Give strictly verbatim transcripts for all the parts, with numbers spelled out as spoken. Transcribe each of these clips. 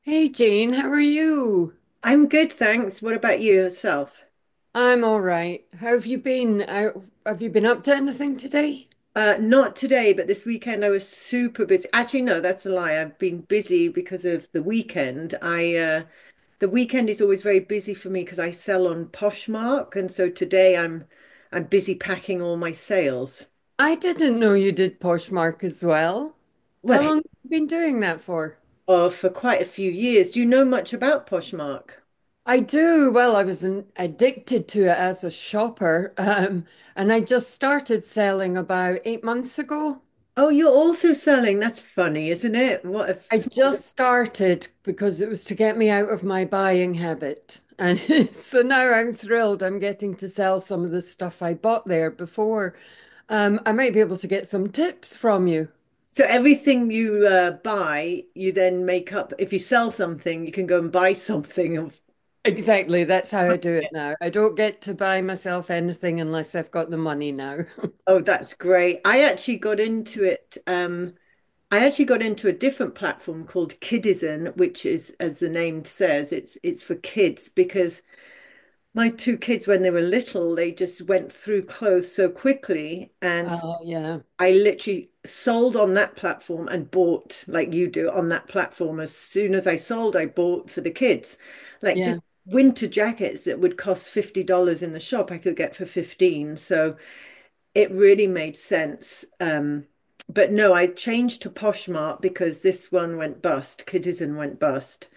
Hey Jane, how are you? I'm good, thanks. What about you yourself? I'm all right. How have you been? How, have you been up to anything today? Uh, not today, but this weekend I was super busy. Actually, no, that's a lie. I've been busy because of the weekend. I uh, The weekend is always very busy for me because I sell on Poshmark, and so today I'm I'm busy packing all my sales. I didn't know you did Poshmark as well. How Well, long have you been doing that for? oh, for quite a few years. Do you know much about Poshmark? I do. Well, I was an, addicted to it as a shopper, um, and I just started selling about eight months ago. Oh, you're also selling. That's funny, isn't it? What a. I just started because it was to get me out of my buying habit. And so now I'm thrilled I'm getting to sell some of the stuff I bought there before. Um, I might be able to get some tips from you. So everything you uh, buy, you then make up. If you sell something, you can go and buy something. Of- Exactly, that's how I do it now. I don't get to buy myself anything unless I've got the money now. oh, that's great. I actually got into it. Um, I actually got into a different platform called Kidizen, which is, as the name says, it's it's for kids because my two kids, when they were little, they just went through clothes so quickly. And Oh, yeah. I literally sold on that platform and bought like you do on that platform. As soon as I sold, I bought for the kids, like just Yeah. winter jackets that would cost fifty dollars in the shop, I could get for fifteen. So it really made sense. Um, but no, I changed to Poshmark because this one went bust. Kidizen went bust.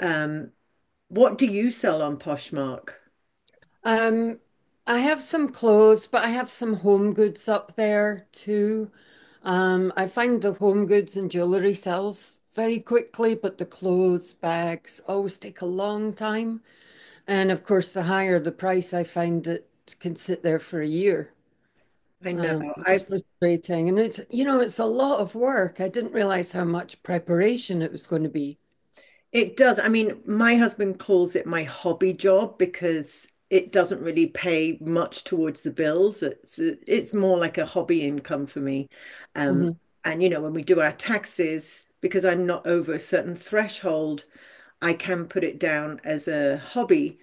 Um, what do you sell on Poshmark? Um, I have some clothes, but I have some home goods up there too. Um, I find the home goods and jewelry sells very quickly, but the clothes, bags always take a long time. And of course, the higher the price, I find it can sit there for a year. I know. Um, it's I've frustrating. And it's, you know, it's a lot of work. I didn't realize how much preparation it was going to be. it does. I mean, my husband calls it my hobby job because it doesn't really pay much towards the bills. It's it's more like a hobby income for me. Um, Mhm. and you know, when we do our taxes, because I'm not over a certain threshold, I can put it down as a hobby.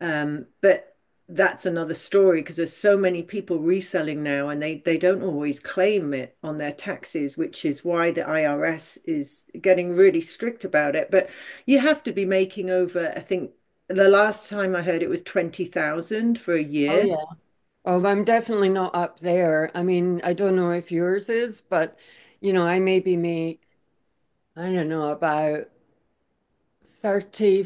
Um, but that's another story because there's so many people reselling now and they, they don't always claim it on their taxes, which is why the I R S is getting really strict about it. But you have to be making over, I think the last time I heard it was twenty thousand for a Oh, year. yeah. Oh, I'm definitely not up there. I mean, I don't know if yours is, but you know, I maybe make, I don't know, about thirty,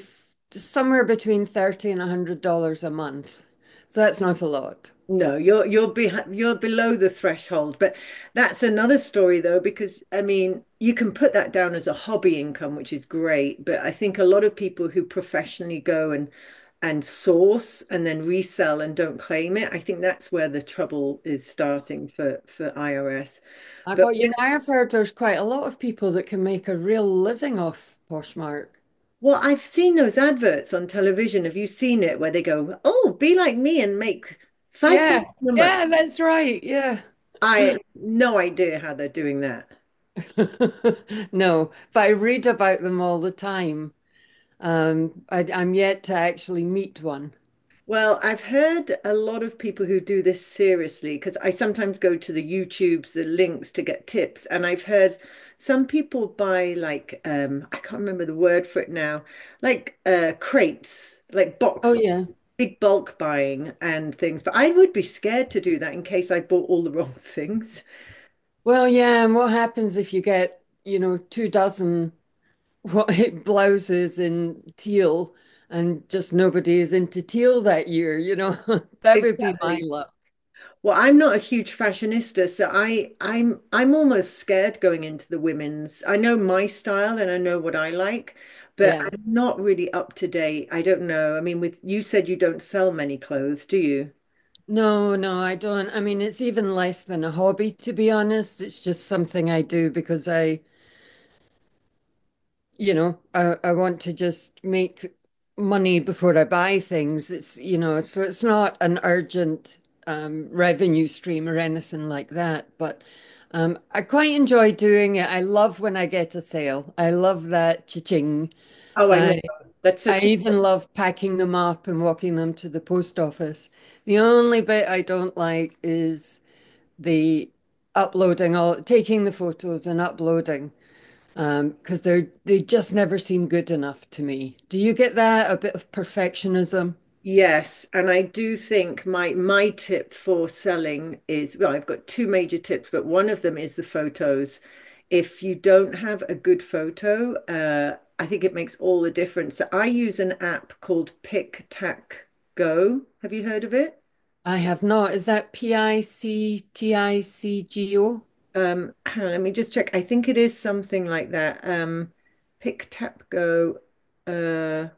somewhere between thirty and one hundred dollars a month. So that's not a lot. No, you're you're behind, you're below the threshold, but that's another story though, because I mean, you can put that down as a hobby income, which is great, but I think a lot of people who professionally go and and source and then resell and don't claim it, I think that's where the trouble is starting for for I R S. I But got you. Now I've heard there's quite a lot of people that can make a real living off Poshmark. well, I've seen those adverts on television. Have you seen it where they go, "Oh, be like me and make Yeah, five thousand a month." yeah, that's right. Yeah. I have no idea how they're doing that. No, but I read about them all the time. Um, I, I'm yet to actually meet one. Well, I've heard a lot of people who do this seriously because I sometimes go to the YouTubes, the links to get tips. And I've heard some people buy like um, I can't remember the word for it now, like uh, crates, like Oh, box, yeah. big bulk buying and things. But I would be scared to do that in case I bought all the wrong things. Well, yeah, and what happens if you get, you know, two dozen white blouses in teal and just nobody is into teal that year, you know? That would be my Exactly. luck. Well, I'm not a huge fashionista, so I I'm I'm almost scared going into the women's. I know my style and I know what I like, but Yeah. I'm not really up to date. I don't know. I mean, with you said you don't sell many clothes, do you? No, no, I don't. I mean, it's even less than a hobby, to be honest. It's just something I do because I you know, I, I want to just make money before I buy things. It's, you know, so it's not an urgent um, revenue stream or anything like that. But um, I quite enjoy doing it. I love when I get a sale. I love that cha-ching. Oh, I know. I That's I such. even love packing them up and walking them to the post office. The only bit I don't like is the uploading all taking the photos and uploading. Um, because they're they just never seem good enough to me. Do you get that? A bit of perfectionism? Yes, and I do think my my tip for selling is well, I've got two major tips, but one of them is the photos. If you don't have a good photo, uh, I think it makes all the difference. So I use an app called Pick Tack Go. Have you heard of it? I have not. Is that P I C T I C G O? Um, hang on, let me just check. I think it is something like that. Um, Pick Tap Go. Uh,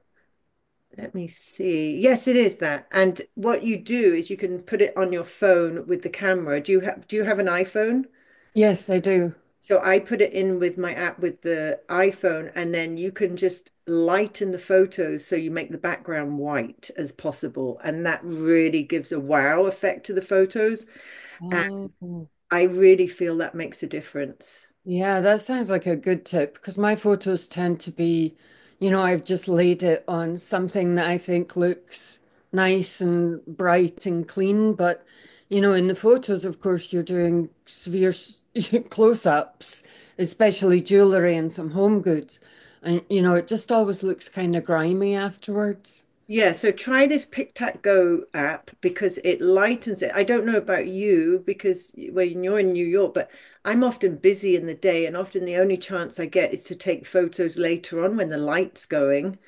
Let me see. Yes, it is that. And what you do is you can put it on your phone with the camera. Do you have do you have an iPhone? Yes, I do. So I put it in with my app with the iPhone, and then you can just lighten the photos so you make the background white as possible. And that really gives a wow effect to the photos. And Oh. I really feel that makes a difference. Yeah, that sounds like a good tip because my photos tend to be, you know, I've just laid it on something that I think looks nice and bright and clean. But, you know, in the photos, of course, you're doing severe s- close-ups, especially jewelry and some home goods. And, you know, it just always looks kind of grimy afterwards. Yeah, so try this PicTac Go app because it lightens it. I don't know about you because when you're in New York, but I'm often busy in the day, and often the only chance I get is to take photos later on when the light's going.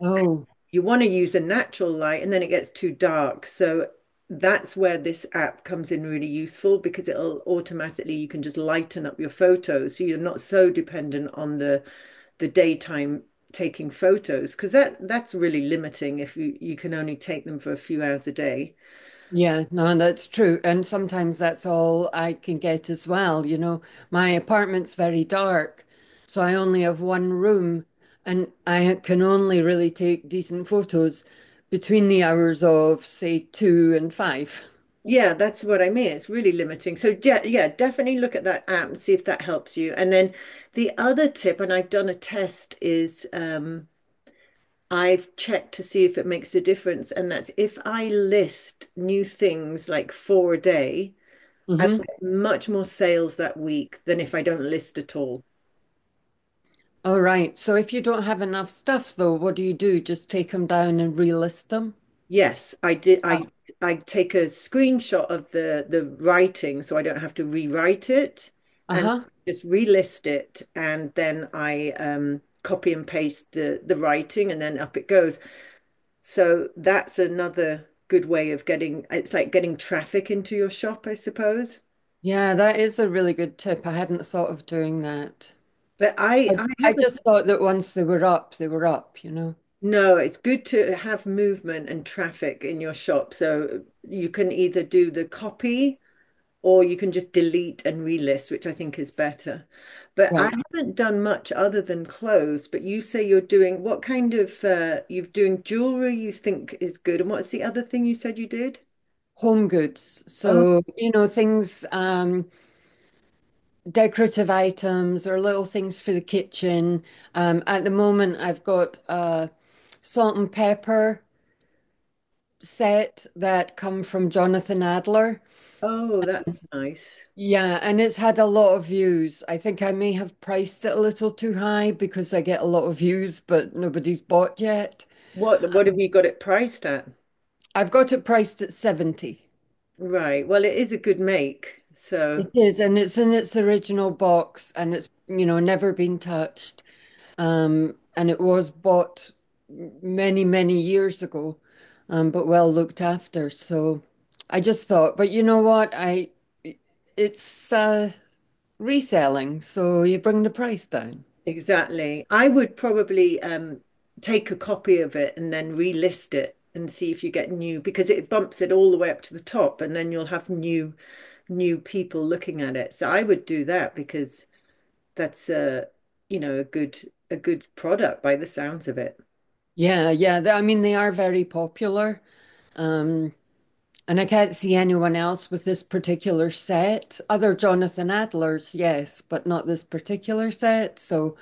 Oh. You want to use a natural light and then it gets too dark. So that's where this app comes in really useful because it'll automatically you can just lighten up your photos so you're not so dependent on the the daytime taking photos because that that's really limiting if you you can only take them for a few hours a day. Yeah, no, that's true. And sometimes that's all I can get as well. You know, my apartment's very dark, so I only have one room and I can only really take decent photos between the hours of, say, two and five. Yeah, that's what I mean. It's really limiting. So yeah, yeah, definitely look at that app and see if that helps you. And then the other tip, and I've done a test, is um, I've checked to see if it makes a difference, and that's if I list new things like four a day, I Mm-hmm. get much more sales that week than if I don't list at all. All right. So if you don't have enough stuff, though, what do you do? Just take them down and relist them? Yes, I did. Ah. I I take a screenshot of the the writing so I don't have to rewrite it and Uh-huh. just relist it and then I um copy and paste the the writing and then up it goes. So that's another good way of getting it's like getting traffic into your shop, I suppose. Yeah, that is a really good tip. I hadn't thought of doing that. But I I, I I haven't just thought that once they were up, they were up, you know? no, it's good to have movement and traffic in your shop. So you can either do the copy. Or you can just delete and relist, which I think is better. But I Right. haven't done much other than clothes. But you say you're doing what kind of uh, you're doing jewelry you think is good, and what's the other thing you said you did? Home goods. Oh, So, you know, things, um, decorative items or little things for the kitchen. Um, at the moment, I've got a salt and pepper set that come from Jonathan Adler. oh, that's nice. Yeah, and it's had a lot of views. I think I may have priced it a little too high because I get a lot of views, but nobody's bought yet. What what have you got it priced at? I've got it priced at seventy. Right. Well, it is a good make. It So is, and it's in its original box and it's, you know, never been touched. Um, and it was bought many, many years ago, um, but well looked after. So I just thought, but you know what? I it's uh, reselling, so you bring the price down. exactly. I would probably um take a copy of it and then relist it and see if you get new because it bumps it all the way up to the top and then you'll have new new people looking at it. So I would do that because that's a, you know, a good a good product by the sounds of it. Yeah, yeah. th- I mean, they are very popular. Um, and I can't see anyone else with this particular set, other Jonathan Adlers, yes, but not this particular set. So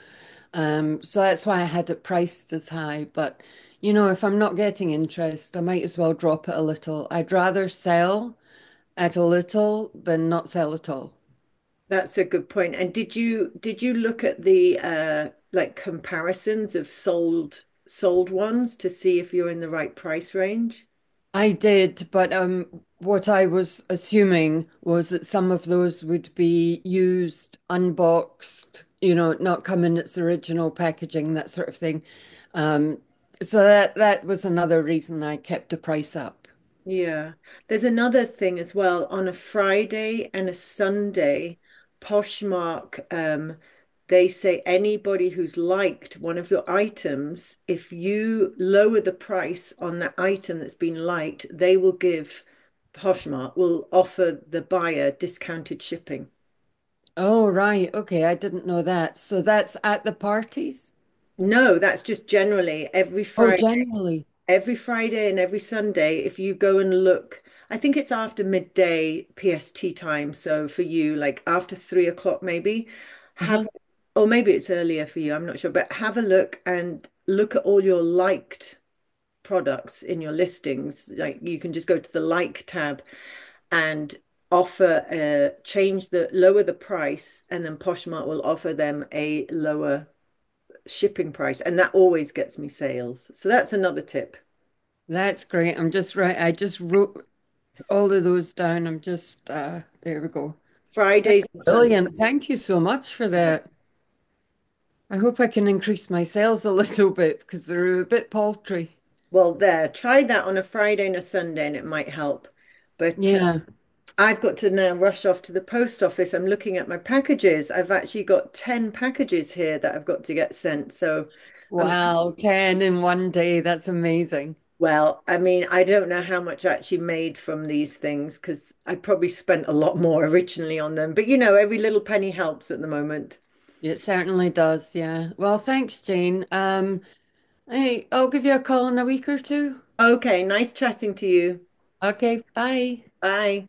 Um, so that's why I had it priced as high. But you know, if I'm not getting interest, I might as well drop it a little. I'd rather sell at a little than not sell at all. That's a good point. And did you did you look at the uh like comparisons of sold sold ones to see if you're in the right price range? I did, but um, what I was assuming was that some of those would be used, unboxed, you know, not come in its original packaging, that sort of thing. Um, so that that was another reason I kept the price up. Yeah. There's another thing as well. On a Friday and a Sunday, Poshmark, um, they say anybody who's liked one of your items, if you lower the price on that item that's been liked, they will give Poshmark will offer the buyer discounted shipping. Oh, right. Okay, I didn't know that. So that's at the parties? No, that's just generally every Oh, Friday. generally. Every Friday and every Sunday, if you go and look, I think it's after midday P S T time. So for you, like after three o'clock, maybe have, Uh-huh. or maybe it's earlier for you, I'm not sure, but have a look and look at all your liked products in your listings. Like you can just go to the like tab and offer a change the lower the price, and then Poshmark will offer them a lower shipping price. And that always gets me sales. So that's another tip. That's great. I'm just right. I just wrote all of those down. I'm just uh there we go. That's Fridays and Sundays. brilliant. Thank you so much for Yeah. that. I hope I can increase my sales a little bit because they're a bit paltry. Well, there, try that on a Friday and a Sunday, and it might help. But uh, Yeah. I've got to now rush off to the post office. I'm looking at my packages. I've actually got ten packages here that I've got to get sent. So I'm, Wow, ten in one day. That's amazing. well, I mean, I don't know how much I actually made from these things because I probably spent a lot more originally on them. But you know, every little penny helps at the moment. It certainly does. Yeah. Well, thanks, Jane. Um, hey, I'll give you a call in a week or two. Okay, nice chatting to you. Okay, bye. Bye.